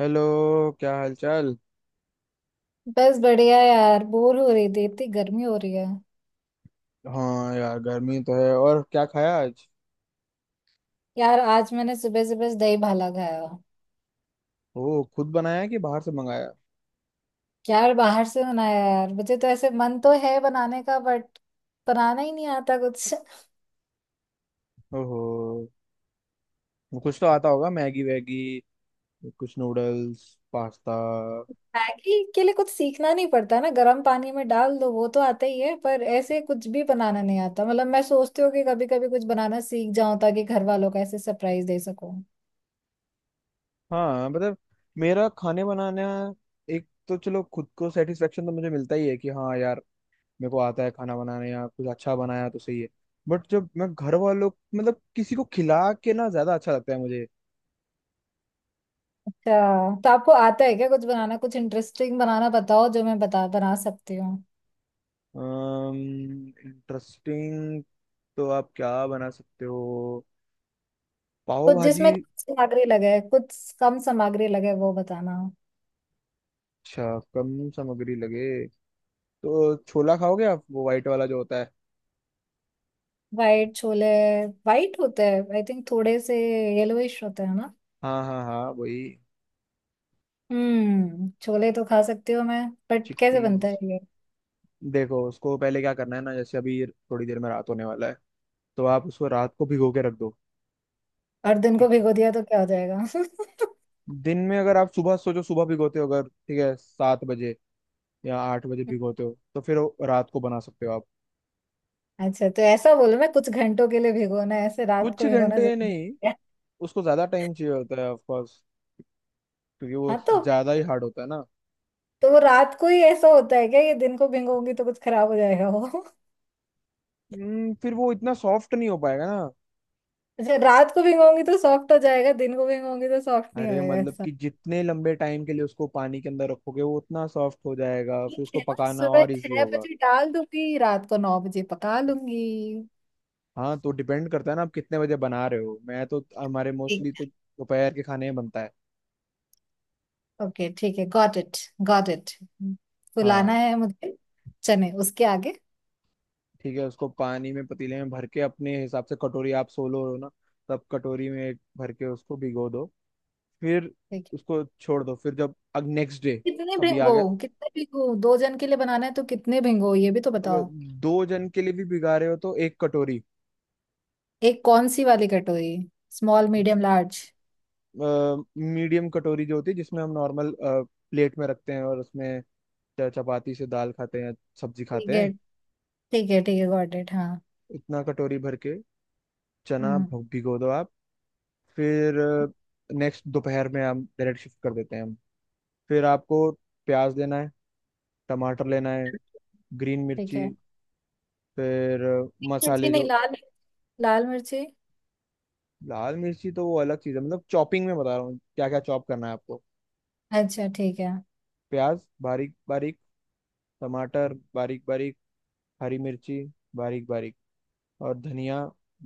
Hello. क्या हालचाल। बस बढ़िया यार। बोर हो रही थी, इतनी गर्मी हो रही है। हाँ यार, गर्मी तो है। और क्या खाया आज? यार आज मैंने सुबह सुबह दही भाला खाया। ओह, खुद बनाया कि बाहर से मंगाया? क्या बाहर से बनाया यार, मुझे तो ऐसे मन तो है बनाने का बट बनाना ही नहीं आता कुछ। ओहो, कुछ तो आता होगा, मैगी वैगी, कुछ नूडल्स, पास्ता। मैगी के लिए कुछ सीखना नहीं पड़ता ना, गर्म पानी में डाल दो, वो तो आता ही है। पर ऐसे कुछ भी बनाना नहीं आता। मतलब मैं सोचती हूँ कि कभी कभी कुछ बनाना सीख जाऊं ताकि घर वालों का ऐसे सरप्राइज दे सकूं। हाँ, मतलब मेरा खाने बनाना, एक तो चलो खुद को सेटिस्फेक्शन तो मुझे मिलता ही है कि हाँ यार, मेरे को आता है खाना बनाने, या कुछ अच्छा बनाया तो सही है। बट जब मैं घर वालों, मतलब किसी को खिला के ना, ज्यादा अच्छा लगता है मुझे। अच्छा, तो आपको आता है क्या कुछ बनाना? कुछ इंटरेस्टिंग बनाना बताओ जो मैं बता बना सकती हूँ। इंटरेस्टिंग? तो आप क्या बना सकते हो? पाव कुछ भाजी। जिसमें कम सामग्री लगे, कुछ कम सामग्री लगे वो बताना। अच्छा, कम सामग्री लगे, तो छोला खाओगे आप? वो वाइट वाला जो होता है। वाइट छोले? वाइट होते हैं आई थिंक, थोड़े से येलोइश होते हैं ना? हाँ हाँ हाँ, वही। हम्म, छोले तो खा सकती हूँ मैं, बट कैसे बनता चिकपीस। है ये? देखो, उसको पहले क्या करना है ना, जैसे अभी थोड़ी देर में रात होने वाला है, तो आप उसको रात को भिगो के रख दो। और दिन को ठीक। भिगो दिया तो क्या हो जाएगा? दिन में अगर आप सुबह सोचो, सुबह भिगोते हो, अगर ठीक है 7 बजे या 8 बजे भिगोते हो, तो फिर वो रात को बना सकते हो आप। अच्छा, तो ऐसा बोलो मैं कुछ घंटों के लिए भिगोना है, ऐसे रात कुछ को भिगोना घंटे जरूरी नहीं, है? उसको ज्यादा टाइम चाहिए होता है ऑफ, क्योंकि वो हाँ ज्यादा ही हार्ड होता है ना। तो वो रात को ही ऐसा होता है क्या? ये दिन को भिगोंगी तो कुछ खराब हो जाएगा वो? फिर वो इतना सॉफ्ट नहीं हो पाएगा ना। अच्छा, रात को भिगोंगी तो सॉफ्ट हो जाएगा, दिन को भिगोंगी तो सॉफ्ट नहीं अरे मतलब होएगा। कि जितने लंबे टाइम के लिए उसको पानी के अंदर रखोगे, वो उतना सॉफ्ट हो जाएगा, फिर ठीक उसको है ना, पकाना सुबह और इजी छह होगा। बजे डाल दूंगी, रात को 9 बजे पका लूंगी। हाँ, तो डिपेंड करता है ना, आप कितने बजे बना रहे हो। मैं तो हमारे ठीक मोस्टली तो दोपहर के खाने में बनता है। है। ओके, ठीक है, गॉट इट। Got it. फुलाना हाँ। है मुझे चने, उसके आगे? ठीक है, उसको पानी में पतीले में भर के, अपने हिसाब से कटोरी, आप सोलो हो ना, तब कटोरी में भर के उसको भिगो दो। फिर ठीक है, उसको छोड़ दो, फिर जब अब नेक्स्ट डे, कितने अभी आ भिंगो? गया। कितने भिंगो, दो जन के लिए बनाना है तो कितने भिंगो ये भी तो अगर बताओ। दो जन के लिए भी भिगा रहे हो, तो 1 कटोरी। एक कौन सी वाली कटोरी, स्मॉल, मीडियम, लार्ज? मीडियम कटोरी जो होती है, जिसमें हम नॉर्मल प्लेट में रखते हैं, और उसमें चपाती से दाल खाते हैं, सब्जी खाते ठीक हैं। है, ठीक है, ठीक है, गॉट इट, हाँ। इतना कटोरी भर के चना हम्म। भिगो दो आप। फिर नेक्स्ट दोपहर में हम डायरेक्ट शिफ्ट कर देते हैं हम। फिर आपको प्याज लेना है, टमाटर लेना है, ग्रीन ठीक मिर्ची। है। फिर मिर्ची मसाले नहीं, जो। लाल, लाल मिर्ची। लाल मिर्ची तो वो अलग चीज़ है, मतलब चॉपिंग में बता रहा हूँ क्या क्या चॉप करना है आपको। अच्छा, ठीक है। प्याज बारीक बारीक, टमाटर बारीक बारीक, हरी मिर्ची बारीक बारीक, और धनिया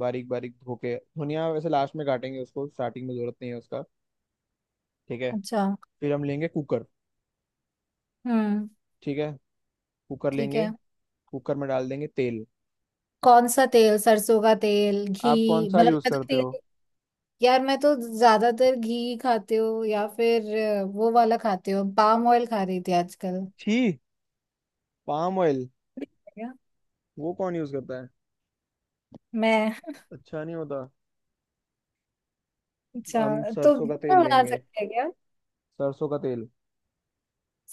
बारीक बारीक धो के। धनिया वैसे लास्ट में काटेंगे, उसको स्टार्टिंग में जरूरत नहीं है उसका। ठीक है, अच्छा। फिर हम लेंगे कुकर। हम्म। ठीक है, कुकर ठीक लेंगे। है। कुकर में डाल देंगे तेल। कौन सा तेल, सरसों का तेल, घी, आप कौन सा मतलब यूज मैं तो करते हो? तेल। यार मैं तो ज्यादातर घी खाती हूँ, या फिर वो वाला खाती हूँ, पाम ऑयल खा रही थी आजकल। छी, पाम ऑयल? क्या? वो कौन यूज करता है? मैं। अच्छा नहीं होता। अच्छा, हम तो सरसों घी का तेल में बना लेंगे। सकते हैं क्या? सरसों का तेल।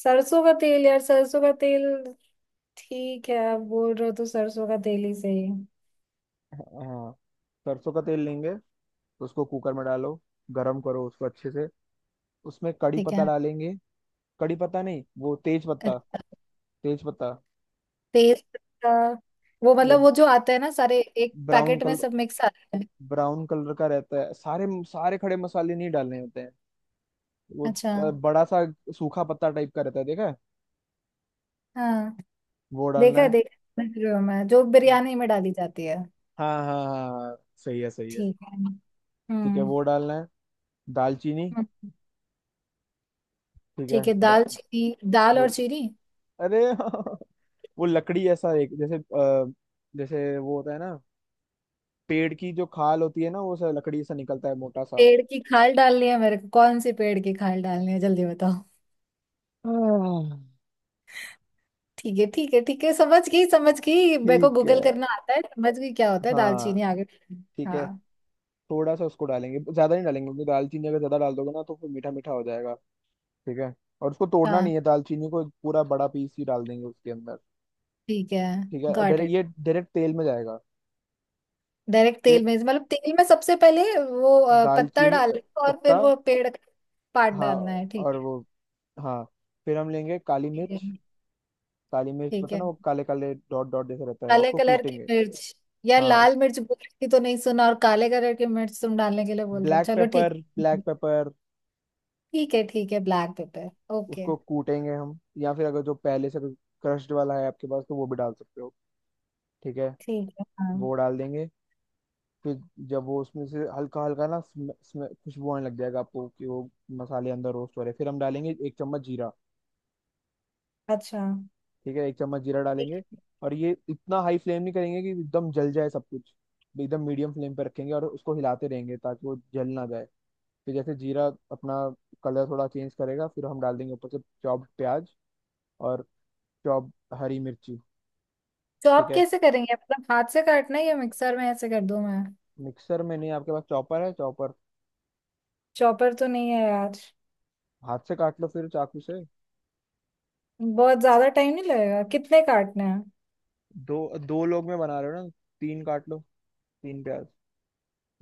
सरसों का तेल यार, सरसों का तेल। ठीक है, आप बोल रहे हो तो सरसों का तेल ही सही। हाँ, सरसों का तेल लेंगे। उसको कुकर में डालो, गरम करो उसको अच्छे से। उसमें कड़ी ठीक पत्ता है। डालेंगे। कड़ी पत्ता नहीं, वो तेज पत्ता। अच्छा, तेज पत्ता। तेज पत्ता। वो मतलब वो वो जो आता है ना, सारे एक ब्राउन पैकेट में कलर सब मिक्स आता है? ब्राउन कलर का रहता है। सारे सारे खड़े मसाले नहीं डालने होते हैं। वो अच्छा। बड़ा सा सूखा पत्ता टाइप का रहता है, देखा है? हाँ। वो डालना है। देखा है, समझ रही हूँ मैं, जो बिरयानी में डाली जाती है। हाँ हाँ हाँ हाँ, सही है सही है। ठीक है। ठीक है, हम्म। वो डालना है। दालचीनी। हम्म, ठीक है। ठीक है। दाल चीनी, दाल वो, और चीनी? अरे वो लकड़ी ऐसा एक, जैसे जैसे वो होता है ना, पेड़ की जो खाल होती है ना, वो सा लकड़ी ऐसा निकलता है मोटा सा। पेड़ की खाल डालनी है मेरे को? कौन सी पेड़ की खाल डालनी है जल्दी बताओ। आह। ठीक है, ठीक है, ठीक है, समझ गई, समझ गई, मेरे को ठीक है। गूगल करना आता है, समझ गई क्या होता है दाल हाँ। चीनी, आगे। ठीक है, हाँ। थोड़ा सा उसको डालेंगे, ज्यादा नहीं डालेंगे, क्योंकि दालचीनी अगर ज्यादा डाल दोगे ना तो फिर मीठा मीठा हो जाएगा। ठीक है। और उसको तोड़ना हाँ, नहीं है, दालचीनी को पूरा बड़ा पीस ही डाल देंगे उसके अंदर। ठीक है। ठीक है। और गॉट इट। डायरेक्ट तेल में जाएगा। डायरेक्ट तेल फिर में मतलब तेल में सबसे पहले वो पत्ता दालचीनी, डालना है और फिर पत्ता। वो पेड़ का पार्ट हाँ, डालना है, ठीक और है। वो, हाँ, फिर हम लेंगे काली ठीक है। मिर्च। काली मिर्च, ठीक पता है। ना, वो काले काले डॉट डॉट जैसे रहता है, काले उसको कलर की कूटेंगे। मिर्च? यार हाँ, उस लाल मिर्च बोल रही थी तो नहीं सुना, और काले कलर की मिर्च तुम डालने के लिए बोल रहे हो, ब्लैक चलो ठीक। Pepper, black pepper. ठीक है, ठीक है, ब्लैक पेपर। ओके। उसको कूटेंगे हम, या फिर अगर जो पहले से क्रश्ड वाला है आपके पास तो वो भी डाल सकते हो। ठीक है, ठीक है, हाँ। वो डाल देंगे। फिर जब वो उसमें से हल्का हल्का ना खुशबू आने लग जाएगा आपको कि वो मसाले अंदर रोस्ट हो रहे हैं, फिर हम डालेंगे 1 चम्मच जीरा। अच्छा। ठीक है, 1 चम्मच जीरा ठीक डालेंगे। है। और ये इतना हाई फ्लेम नहीं करेंगे कि एकदम जल जाए सब कुछ, एकदम मीडियम फ्लेम पर रखेंगे और उसको हिलाते रहेंगे ताकि वो जल ना जाए। फिर जैसे जीरा अपना कलर थोड़ा चेंज करेगा, फिर हम डाल देंगे ऊपर से चॉप्ड प्याज और चॉप हरी मिर्ची। ठीक चॉप है, कैसे करेंगे, मतलब हाथ से काटना है या मिक्सर में ऐसे कर दूं मैं? मिक्सर में नहीं, आपके पास चॉपर है, चॉपर। चॉपर तो नहीं है यार। हाथ से काट लो फिर चाकू से। बहुत ज्यादा टाइम नहीं लगेगा, कितने काटने हैं? दो, दो लोग में बना रहे हो ना, तीन काट लो, तीन प्याज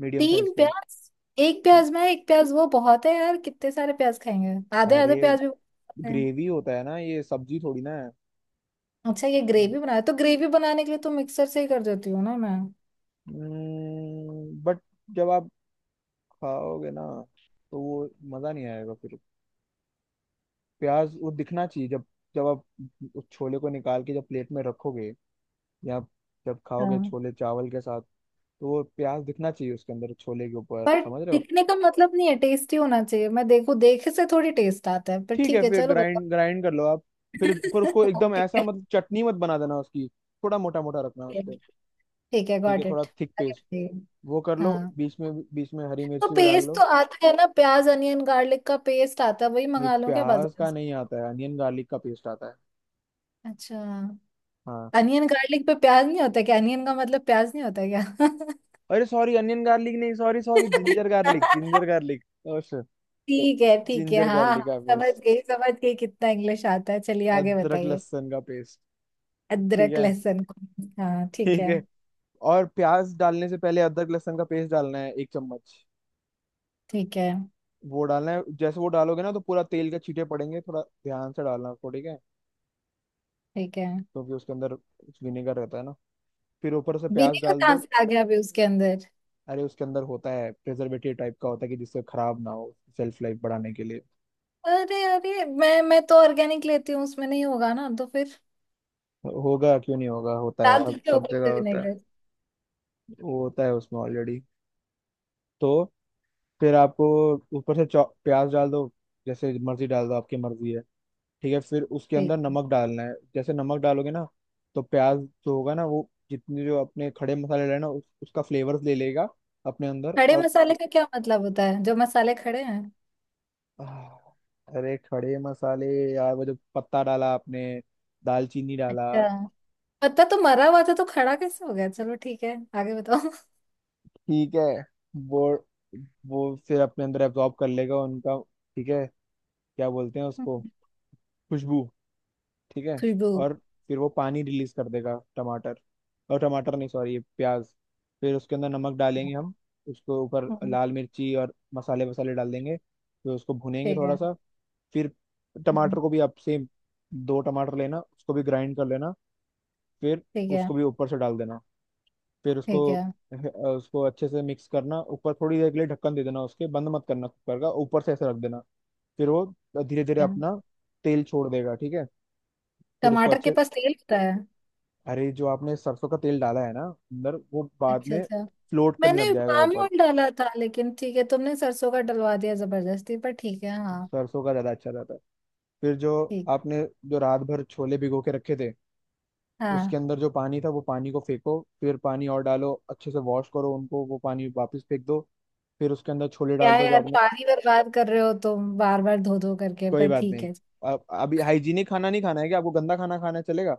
मीडियम साइज तीन के। प्याज? एक प्याज मैं, एक प्याज वो, बहुत है यार, कितने सारे प्याज खाएंगे, आधे अरे आधे प्याज भी बहुत है। ग्रेवी होता है ना, ये सब्जी थोड़ी ना है। अच्छा ये ग्रेवी बनाए, तो ग्रेवी बनाने के लिए तो मिक्सर से ही कर देती हूँ ना मैं। बट जब आप खाओगे ना, तो वो मज़ा नहीं आएगा फिर। प्याज वो दिखना चाहिए, जब जब आप उस छोले को निकाल के जब प्लेट में रखोगे, या जब खाओगे हाँ। छोले चावल के साथ, तो वो प्याज दिखना चाहिए उसके अंदर, छोले के ऊपर, पर समझ रहे हो। दिखने का मतलब नहीं है, टेस्टी होना चाहिए, मैं देखो देखे से थोड़ी टेस्ट आता है, पर ठीक है, ठीक है फिर चलो बताओ। ग्राइंड ग्राइंड कर लो आप, फिर पर उसको एकदम ठीक ऐसा, है, मतलब चटनी मत बना देना उसकी। थोड़ा मोटा मोटा रखना उसको। ठीक है, ठीक है, गॉट थोड़ा इट। थिक आगे पेस्ट, बताइए। वो कर लो, हाँ। बीच में हरी तो मिर्ची भी डाल पेस्ट तो लो। आता है ना, प्याज अनियन गार्लिक का पेस्ट आता है, वही भाई मंगा लो क्या प्याज बाजार का से? नहीं आता है, अनियन गार्लिक का पेस्ट आता है। अच्छा, हाँ। अनियन गार्लिक पे प्याज नहीं होता क्या, अनियन का मतलब प्याज नहीं होता क्या? अरे सॉरी, अनियन गार्लिक नहीं, sorry sorry, ginger garlic, ginger garlic. Oh, ठीक है, ठीक है, जिंजर हाँ हाँ। गार्लिक का समझ पेस्ट, गई, समझ गई, कितना इंग्लिश आता है, चलिए आगे अदरक बताइए। लहसुन का पेस्ट। ठीक अदरक है। लहसुन को, हाँ ठीक ठीक है। है, और प्याज डालने से पहले अदरक लहसुन का पेस्ट डालना है, 1 चम्मच। ठीक है। वो डालना है, जैसे वो डालोगे ना तो पूरा तेल के छींटे पड़ेंगे, थोड़ा ध्यान से डालना उसको, ठीक है। ठीक है। क्योंकि उसके अंदर विनेगर रहता है ना। फिर ऊपर से प्याज विनेगर डाल कहाँ दो। से आ गया अभी उसके अंदर? अरे उसके अंदर होता है, प्रिजर्वेटिव टाइप का होता है कि जिससे खराब ना हो, सेल्फ लाइफ बढ़ाने के लिए। अरे अरे, मैं तो ऑर्गेनिक लेती हूँ, उसमें नहीं होगा ना तो फिर। होगा, क्यों नहीं होगा, होता है डाल अब दीजिए सब ऊपर जगह से होता है। विनेगर। वो होता है उसमें ऑलरेडी। तो फिर आपको ऊपर से प्याज डाल दो, जैसे मर्जी डाल दो, आपकी मर्जी है। ठीक है, फिर उसके ठीक अंदर है। नमक डालना है, जैसे नमक डालोगे ना तो प्याज जो होगा ना वो, जितने जो अपने खड़े मसाले डाले ना, उसका फ्लेवर ले लेगा अपने अंदर। खड़े और मसाले का क्या मतलब होता है, जो मसाले खड़े हैं? आह, अरे खड़े मसाले यार, वो जो पत्ता डाला आपने, दालचीनी डाला। अच्छा, पत्ता तो मरा हुआ था तो खड़ा कैसे हो गया, चलो ठीक है आगे बताओ। ठीक है, वो वो फिर अपने अंदर एब्जॉर्ब कर लेगा उनका। ठीक है, क्या बोलते हैं उसको, खुशबू। ठीक है। खुशबू। और फिर वो पानी रिलीज कर देगा टमाटर, और टमाटर नहीं सॉरी, प्याज। फिर उसके अंदर नमक डालेंगे हम, उसको ऊपर हम्म, लाल मिर्ची और मसाले वसाले डाल देंगे, फिर उसको भुनेंगे ठीक थोड़ा है। सा। फिर टमाटर हम्म, को भी आप सेम, दो टमाटर लेना, उसको भी ग्राइंड कर लेना। फिर ठीक है। उसको भी ऊपर से डाल देना। फिर उसको ठीक है। ठीक उसको अच्छे से मिक्स करना, ऊपर थोड़ी देर के लिए ढक्कन दे देना उसके, बंद मत करना कुकर का, ऊपर से ऐसे रख देना। फिर वो धीरे धीरे है। अपना तेल छोड़ देगा। ठीक है, फिर उसको टमाटर के अच्छे, पास तेल होता है? अरे जो आपने सरसों का तेल डाला है ना अंदर वो बाद अच्छा, में अच्छा। फ्लोट करने मैंने लग जाएगा पाम ऊपर। ऑयल डाला था लेकिन ठीक है, तुमने सरसों का डलवा दिया जबरदस्ती, पर ठीक है, हाँ। सरसों का ज्यादा अच्छा रहता है। फिर जो ठीक। आपने, जो रात भर छोले भिगो के रखे थे उसके हाँ। अंदर जो पानी था, वो पानी को फेंको, फिर पानी और डालो अच्छे से, वॉश करो उनको, वो पानी वापस फेंक दो। फिर उसके अंदर छोले डाल क्या दो जो यार, आपने, पानी बर्बाद कर रहे हो तुम बार बार धो धो करके, कोई पर बात ठीक नहीं। है। अब अभी हाइजीनिक खाना नहीं खाना है क्या आपको? गंदा खाना खाना है, चलेगा?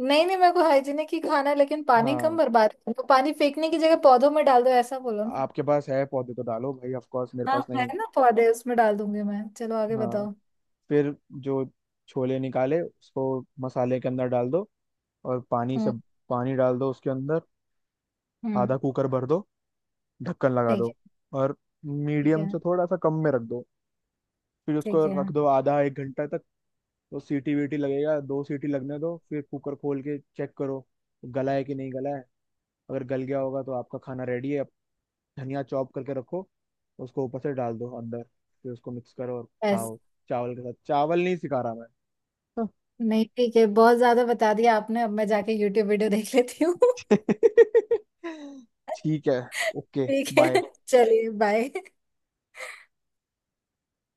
नहीं नहीं, मेरे को हाइजीनिक ही खाना है, लेकिन पानी कम हाँ, बर्बाद करो, तो पानी फेंकने की जगह पौधों में डाल दो ऐसा बोलो ना। आपके पास है पौधे तो डालो भाई, ऑफ कोर्स मेरे हाँ, पास नहीं है है। ना पौधे, उसमें डाल दूंगी मैं, चलो आगे हाँ, बताओ। फिर जो छोले निकाले उसको मसाले के अंदर डाल दो, और पानी हम्म। सब, पानी डाल दो उसके अंदर, आधा हम्म। कुकर भर दो, ढक्कन लगा ठीक दो, है। और ठीक मीडियम है। से थोड़ा सा कम में रख दो। फिर उसको ठीक है। रख दो आधा एक घंटा तक, तो सीटी वीटी लगेगा, 2 सीटी लगने दो, फिर कुकर खोल के चेक करो, गला है कि नहीं गला है, अगर गल गया होगा तो आपका खाना रेडी है अब। धनिया चॉप करके रखो, उसको ऊपर से डाल दो अंदर, फिर उसको मिक्स करो और बस? खाओ, चावल के साथ। चावल नहीं सिखा रहा मैं, हाँ। नहीं ठीक है, बहुत ज्यादा बता दिया आपने, अब मैं जाके यूट्यूब वीडियो देख लेती हूँ। ठीक है। ओके। ठीक है। बाय। चलिए बाय।